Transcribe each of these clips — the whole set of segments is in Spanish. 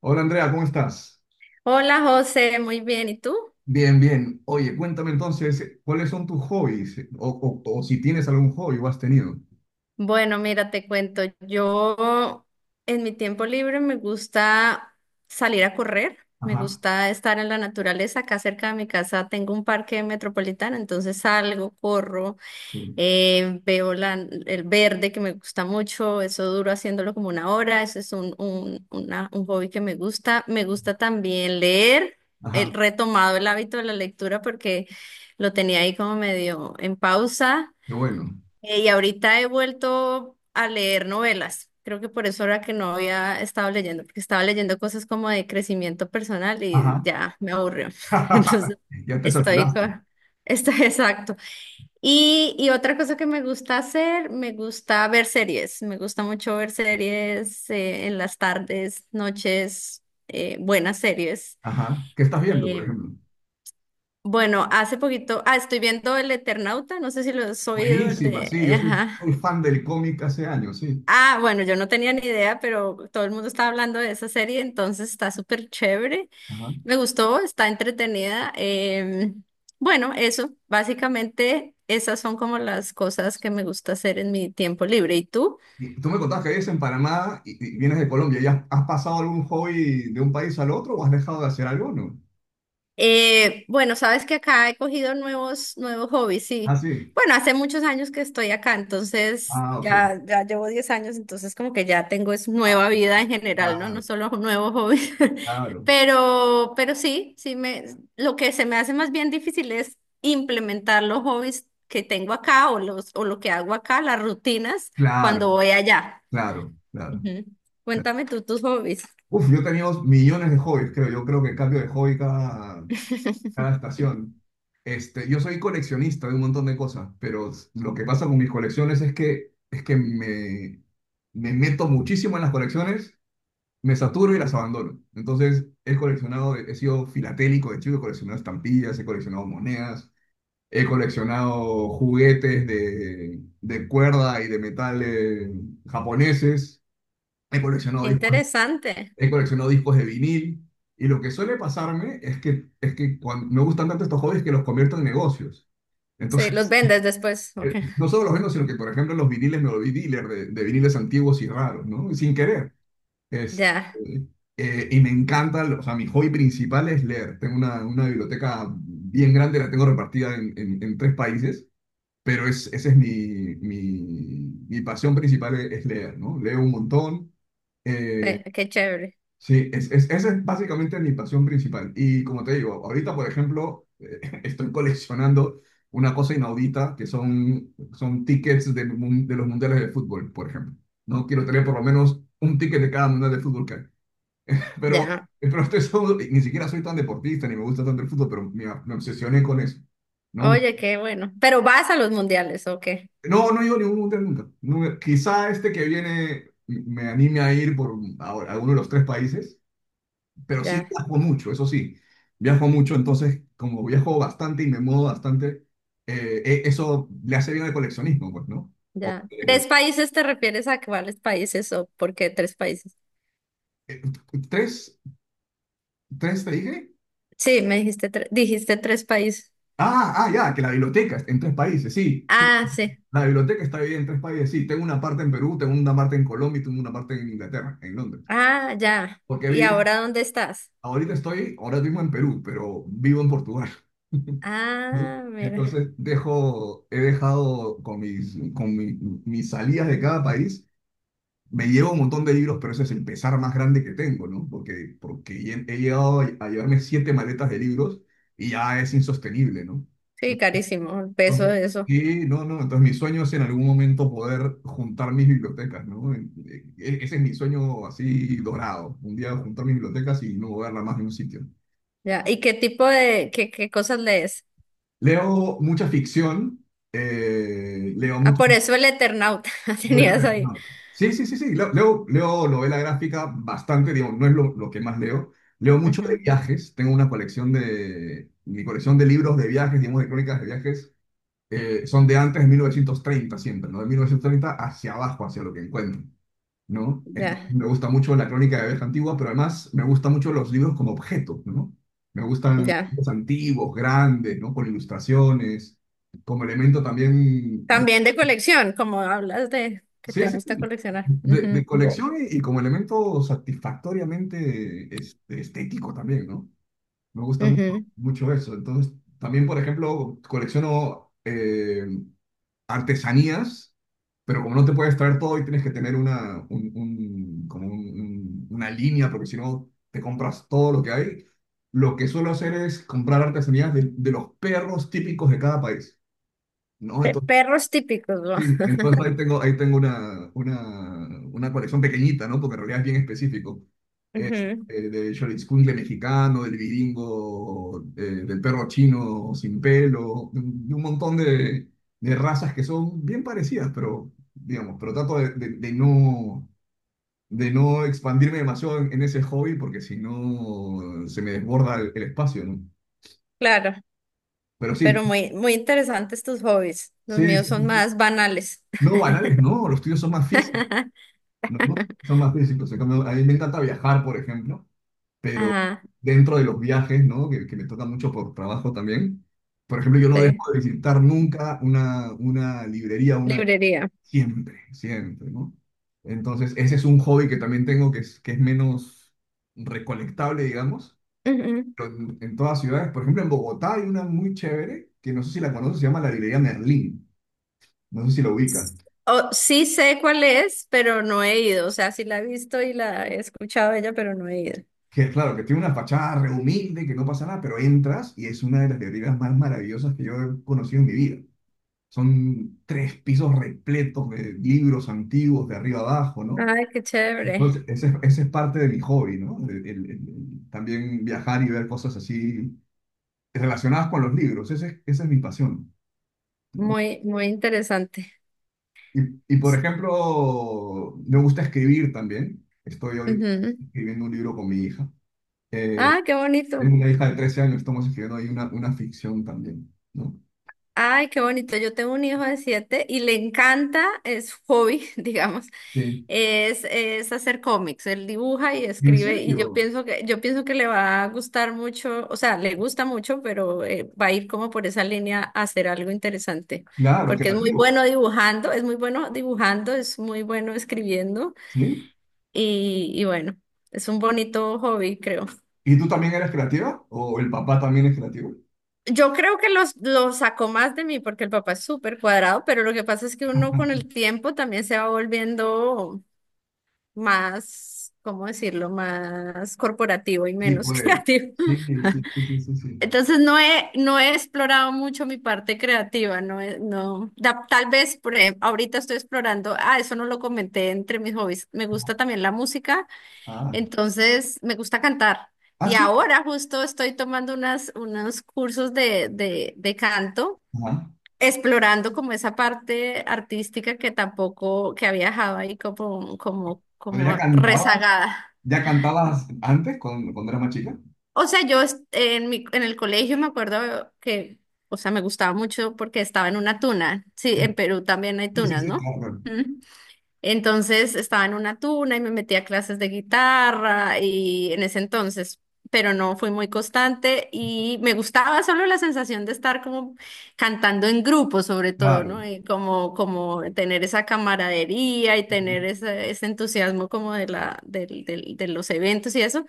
Hola Andrea, ¿cómo estás? Hola José, muy bien. ¿Y tú? Bien, bien. Oye, cuéntame entonces, ¿cuáles son tus hobbies? O si tienes algún hobby o has tenido. Bueno, mira, te cuento. Yo en mi tiempo libre me gusta salir a correr, me Ajá. gusta estar en la naturaleza. Acá cerca de mi casa tengo un parque metropolitano, entonces salgo, corro, veo el verde que me gusta mucho. Eso duro haciéndolo como una hora. Ese es un hobby que me gusta. Me gusta también leer. He Ajá, retomado el hábito de la lectura porque lo tenía ahí como medio en pausa. qué bueno. Y ahorita he vuelto a leer novelas. Creo que por eso era que no había estado leyendo, porque estaba leyendo cosas como de crecimiento personal y Ajá. ya me aburrió. Entonces, Ya te estoy saturaste. con... Estoy exacto. Y otra cosa que me gusta hacer, me gusta ver series. Me gusta mucho ver series en las tardes, noches, buenas series. Ajá. ¿Qué estás viendo, por Eh, ejemplo? bueno, hace poquito, ah, estoy viendo El Eternauta, no sé si lo has oído, el Buenísima, de... sí, yo soy, Ajá. soy fan del cómic hace años, sí. Ah, bueno, yo no tenía ni idea, pero todo el mundo estaba hablando de esa serie, entonces está súper chévere. Ajá. Me gustó, está entretenida. Bueno, eso, básicamente esas son como las cosas que me gusta hacer en mi tiempo libre. ¿Y tú? Y tú me contabas que vives en Panamá y vienes de Colombia. ¿Ya has pasado algún hobby de un país al otro o has dejado de hacer alguno? Bueno, sabes que acá he cogido nuevos hobbies, sí. Ah, sí. Bueno, hace muchos años que estoy acá, entonces Ah, ok. Ya llevo 10 años, entonces como que ya tengo es Ah. nueva vida en general, ¿no? No Claro, solo nuevos hobbies. claro, Pero sí lo que se me hace más bien difícil es implementar los hobbies que tengo acá o lo que hago acá, las rutinas, cuando claro. voy allá. Claro, claro. Ujú. Claro. Cuéntame tú tus hobbies. Uf, yo tenía 2 millones de hobbies, creo. Yo creo que cambio de hobby cada estación. Este, yo soy coleccionista de un montón de cosas, pero lo que pasa con mis colecciones es que, es que me meto muchísimo en las colecciones, me saturo y las abandono. Entonces, he coleccionado, he sido filatélico de chico, he coleccionado estampillas, he coleccionado monedas, he coleccionado juguetes de cuerda y de metal japoneses. He coleccionado discos Interesante. he coleccionado discos de vinil, y lo que suele pasarme es que cuando me gustan tanto estos hobbies que los convierto en negocios. Sí, los Entonces, vendes después. Ok. No solo los vendo, sino que, por ejemplo, los viniles, me volví dealer de viniles antiguos y raros, ¿no? Sin querer. Es, Ya, y me encanta, o sea, mi hobby principal es leer. Tengo una biblioteca bien grande, la tengo repartida en tres países, pero esa es mi pasión principal, es leer, ¿no? Leo un montón. Eh, qué chévere. Sí, esa es básicamente mi pasión principal. Y como te digo, ahorita, por ejemplo, estoy coleccionando una cosa inaudita que son tickets de los mundiales de fútbol, por ejemplo. No quiero tener por lo menos un ticket de cada mundial de fútbol que hay. Pero, Ya. pero ni siquiera soy tan deportista ni me gusta tanto el fútbol, pero me obsesioné con eso. No, Oye, qué bueno. Pero vas a los mundiales, ¿o qué? no he ido a ningún mundial nunca. No me- Quizá este que viene me anime a ir por a uno de los tres países. Pero sí Ya, viajo mucho, eso sí. Viajo mucho, entonces, como viajo bastante y me muevo bastante, eso le hace bien al coleccionismo, pues, ¿no? ya. Porque, ¿Tres países te refieres a cuáles países o por qué tres países? eh, ¿tres, tres te dije? Sí, me dijiste tres países. Ah, ah, ya, que la biblioteca está en tres países, sí, sí. Ah, sí. La biblioteca está dividida en tres países, sí. Tengo una parte en Perú, tengo una parte en Colombia y tengo una parte en Inglaterra, en Londres. Ah, ya. Porque he ¿Y vivido- ahora dónde estás? Ahora mismo en Perú, pero vivo en Portugal. Ah, mira. Entonces he dejado con mis, mis salidas de cada país, me llevo un montón de libros, pero ese es el pesar más grande que tengo, ¿no? Porque he llegado a llevarme siete maletas de libros y ya es insostenible, ¿no? Sí, carísimo, el peso Entonces, de eso. sí, no, no, entonces mi sueño es en algún momento poder juntar mis bibliotecas, ¿no? Ese es mi sueño así dorado, un día juntar mis bibliotecas y no moverla más de un sitio. Ya. ¿Y qué tipo de, qué cosas lees? Leo mucha ficción, leo Ah, mucho. por eso el Eternauta tenías ahí. No. Sí, sí, sí, sí. Leo novela gráfica bastante, digo, no es lo que más leo. Leo mucho de Ujú. viajes. Tengo una colección mi colección de libros de viajes, digamos, de crónicas de viajes. Son de antes de 1930 siempre, ¿no? De 1930 hacia abajo, hacia lo que encuentro, ¿no? Entonces, Ya, me gusta mucho la crónica de viajes antigua, pero además me gustan mucho los libros como objeto, ¿no? Me gustan ya. los antiguos, grandes, ¿no? Con ilustraciones, como elemento también. También de colección, como hablas de que Sí, te sí, gusta sí. coleccionar. de, Ujú, colección y como elemento satisfactoriamente estético también, ¿no? Me gusta mu- ujú. mucho eso. Entonces, también, por ejemplo, colecciono artesanías, pero como no te puedes traer todo y tienes que tener como una línea, porque si no te compras todo lo que hay, lo que suelo hacer es comprar artesanías de los perros típicos de cada país, ¿no? Entonces, Perros típicos, ¿no? sí, entonces ahí tengo una colección pequeñita, ¿no? Porque en realidad es bien específico. Es Ujú. Del Xoloitzcuintle mexicano, del viringo, del perro chino sin pelo, de un montón de razas que son bien parecidas, pero, digamos, trato de no expandirme demasiado en ese hobby porque si no se me desborda el espacio, ¿no? Claro, Pero sí, pero muy interesantes tus hobbies. Los sí, sí, míos son sí. más banales. No, banales, no, los tuyos son más físicos. No, no, son más físicos. En cambio, a mí me encanta viajar, por ejemplo, pero Ajá, dentro de los viajes, ¿no? Que me toca mucho por trabajo también. Por ejemplo, yo no sí, dejo de visitar nunca una librería. librería. Siempre, siempre, ¿no? Entonces, ese es un hobby que también tengo que es, menos recolectable, digamos, Ujú. pero en todas ciudades. Por ejemplo, en Bogotá hay una muy chévere, que no sé si la conoces, se llama la librería Merlín. No sé si la ubicas. Oh, sí sé cuál es, pero no he ido. O sea, sí la he visto y la he escuchado ella, pero no he ido. Que claro, que tiene una fachada re humilde, que no pasa nada, pero entras y es una de las librerías más maravillosas que yo he conocido en mi vida. Son tres pisos repletos de libros antiguos de arriba abajo, ¿no? Ay, qué chévere. Entonces, ese es parte de mi hobby, ¿no? El también viajar y ver cosas así relacionadas con los libros, esa es mi pasión, ¿no? Muy, muy interesante. Y, y, por ejemplo, me gusta escribir también. Estoy ahorita Ujú. escribiendo un libro con mi hija. Eh, Ah, qué bonito. Tengo una hija de 13 años, estamos escribiendo ahí una ficción también, ¿no? Ay, qué bonito. Yo tengo un hijo de 7 y le encanta, es su hobby, digamos, Sí. Es hacer cómics. Él dibuja y ¿En escribe y serio? Yo pienso que le va a gustar mucho, o sea, le gusta mucho, pero va a ir como por esa línea a hacer algo interesante, Claro, porque es muy creativo. bueno dibujando, es muy bueno dibujando, es muy bueno escribiendo ¿Sí? Y bueno, es un bonito hobby, creo. ¿Y tú también eres creativa? ¿O el papá también es creativo? Yo creo que lo sacó más de mí porque el papá es súper cuadrado, pero lo que pasa es que uno con el tiempo también se va volviendo más, ¿cómo decirlo?, más corporativo y Sí, menos pues. creativo. Sí, sí, sí, sí, sí. Sí. Entonces no he explorado mucho mi parte creativa, no, tal vez por ejemplo, ahorita estoy explorando, ah, eso no lo comenté entre mis hobbies, me gusta también la música, Ah, entonces me gusta cantar. ah, Y sí. ahora justo estoy tomando unos cursos de canto Ajá. explorando como esa parte artística que tampoco, que había dejado ahí Pero ya como cantabas, rezagada. ya cantabas antes cuando, eras más chica. O sea, en mi, en el colegio me acuerdo que, o sea, me gustaba mucho porque estaba en una tuna. Sí, Sí, en Perú también hay sí, sí, tunas, sí, ¿no? claro. Entonces estaba en una tuna y me metí a clases de guitarra y en ese entonces, pero no fui muy constante y me gustaba solo la sensación de estar como cantando en grupo sobre todo, Claro. ¿no? Y como tener esa camaradería y tener Ujú. Ese entusiasmo como de de los eventos y eso.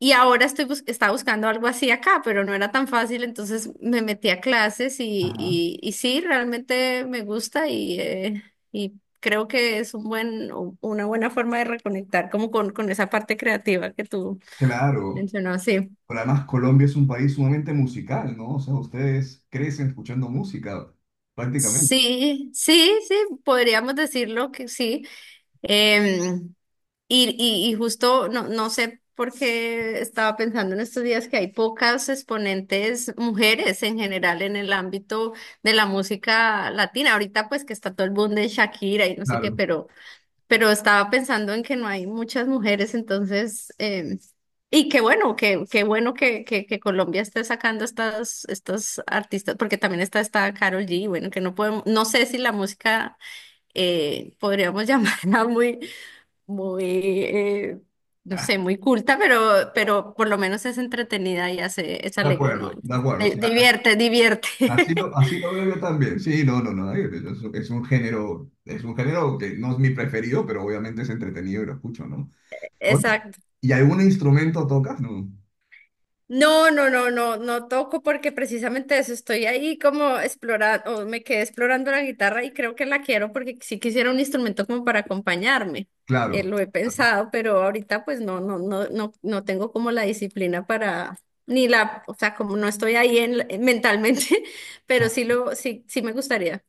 Y ahora estaba buscando algo así acá, pero no era tan fácil, entonces me metí a clases Ajá. Y sí, realmente me gusta y creo que es una buena forma de reconectar como con esa parte creativa que tú Claro. mencionabas, sí. Pero además Colombia es un país sumamente musical, ¿no? O sea, ustedes crecen escuchando música, prácticamente. Sí, podríamos decirlo que sí. Em, y justo, no sé por qué estaba pensando en estos días que hay pocas exponentes mujeres en general en el ámbito de la música latina. Ahorita pues que está todo el boom de Shakira y no sé qué, Claro, pero estaba pensando en que no hay muchas mujeres, entonces, y qué bueno, qué bueno que Colombia esté sacando estos artistas, porque también está esta Karol G, bueno, que no podemos, no sé si la música podríamos llamarla muy muy, eh, no sé, muy culta, pero por lo menos es entretenida y hace, es de alegre, ¿no? acuerdo, de Entonces, acuerdo. O sea, divierte, divierte. así lo, así lo veo yo también. Sí, no, no, no. Es un género que no es mi preferido, pero obviamente es entretenido y lo escucho, ¿no? Oye, Exacto. ¿y algún instrumento tocas? No. No, no, no, no, no toco porque precisamente eso estoy ahí como explorando, o me quedé explorando la guitarra y creo que la quiero porque sí quisiera un instrumento como para acompañarme. Claro. Lo he pensado, pero ahorita pues no, no, no, no, no tengo como la disciplina para, ni la, o sea, como no estoy ahí en, mentalmente, pero sí me gustaría.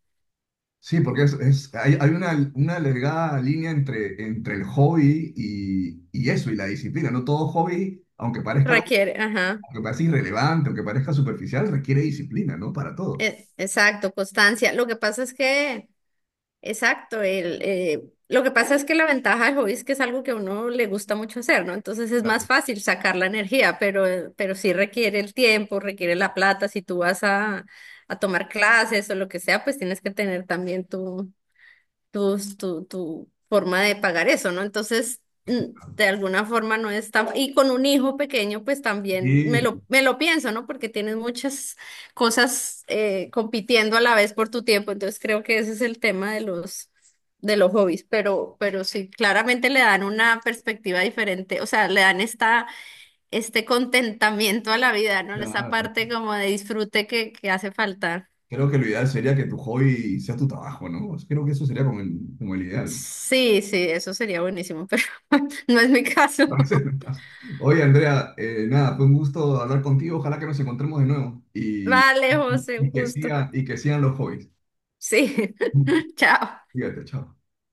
Sí, porque hay una delgada línea entre el hobby y eso, y la disciplina, ¿no? Todo hobby, aunque parezca Requiere, ajá, aunque parezca irrelevante, aunque parezca superficial, requiere disciplina, ¿no? Para todo. Exacto, constancia. Lo que pasa es que exacto, lo que pasa es que la ventaja del hobby es que es algo que a uno le gusta mucho hacer, ¿no? Entonces es más Claro, fácil sacar la energía, pero sí requiere el tiempo, requiere la plata. Si tú vas a tomar clases o lo que sea, pues tienes que tener también tu forma de pagar eso, ¿no? Entonces, mm, claro. de alguna forma no es tan... Y con un hijo pequeño, pues también Sí, me lo pienso, ¿no? Porque tienes muchas cosas compitiendo a la vez por tu tiempo, entonces creo que ese es el tema de de los hobbies, pero sí, claramente le dan una perspectiva diferente, o sea, le dan esta, este contentamiento a la vida, ¿no? Esa claro. parte como de disfrute que hace falta. Creo que lo ideal sería que tu hobby sea tu trabajo, ¿no? Creo que eso sería como el, ideal. Sí, sí, eso sería buenísimo, pero no es mi caso. A veces no estás. Oye, Andrea, nada, fue un gusto hablar contigo. Ojalá que nos encontremos de nuevo y, Vale, José, un y que gusto. siga, y que sigan los hobbies. Sí, chao. Fíjate, chao.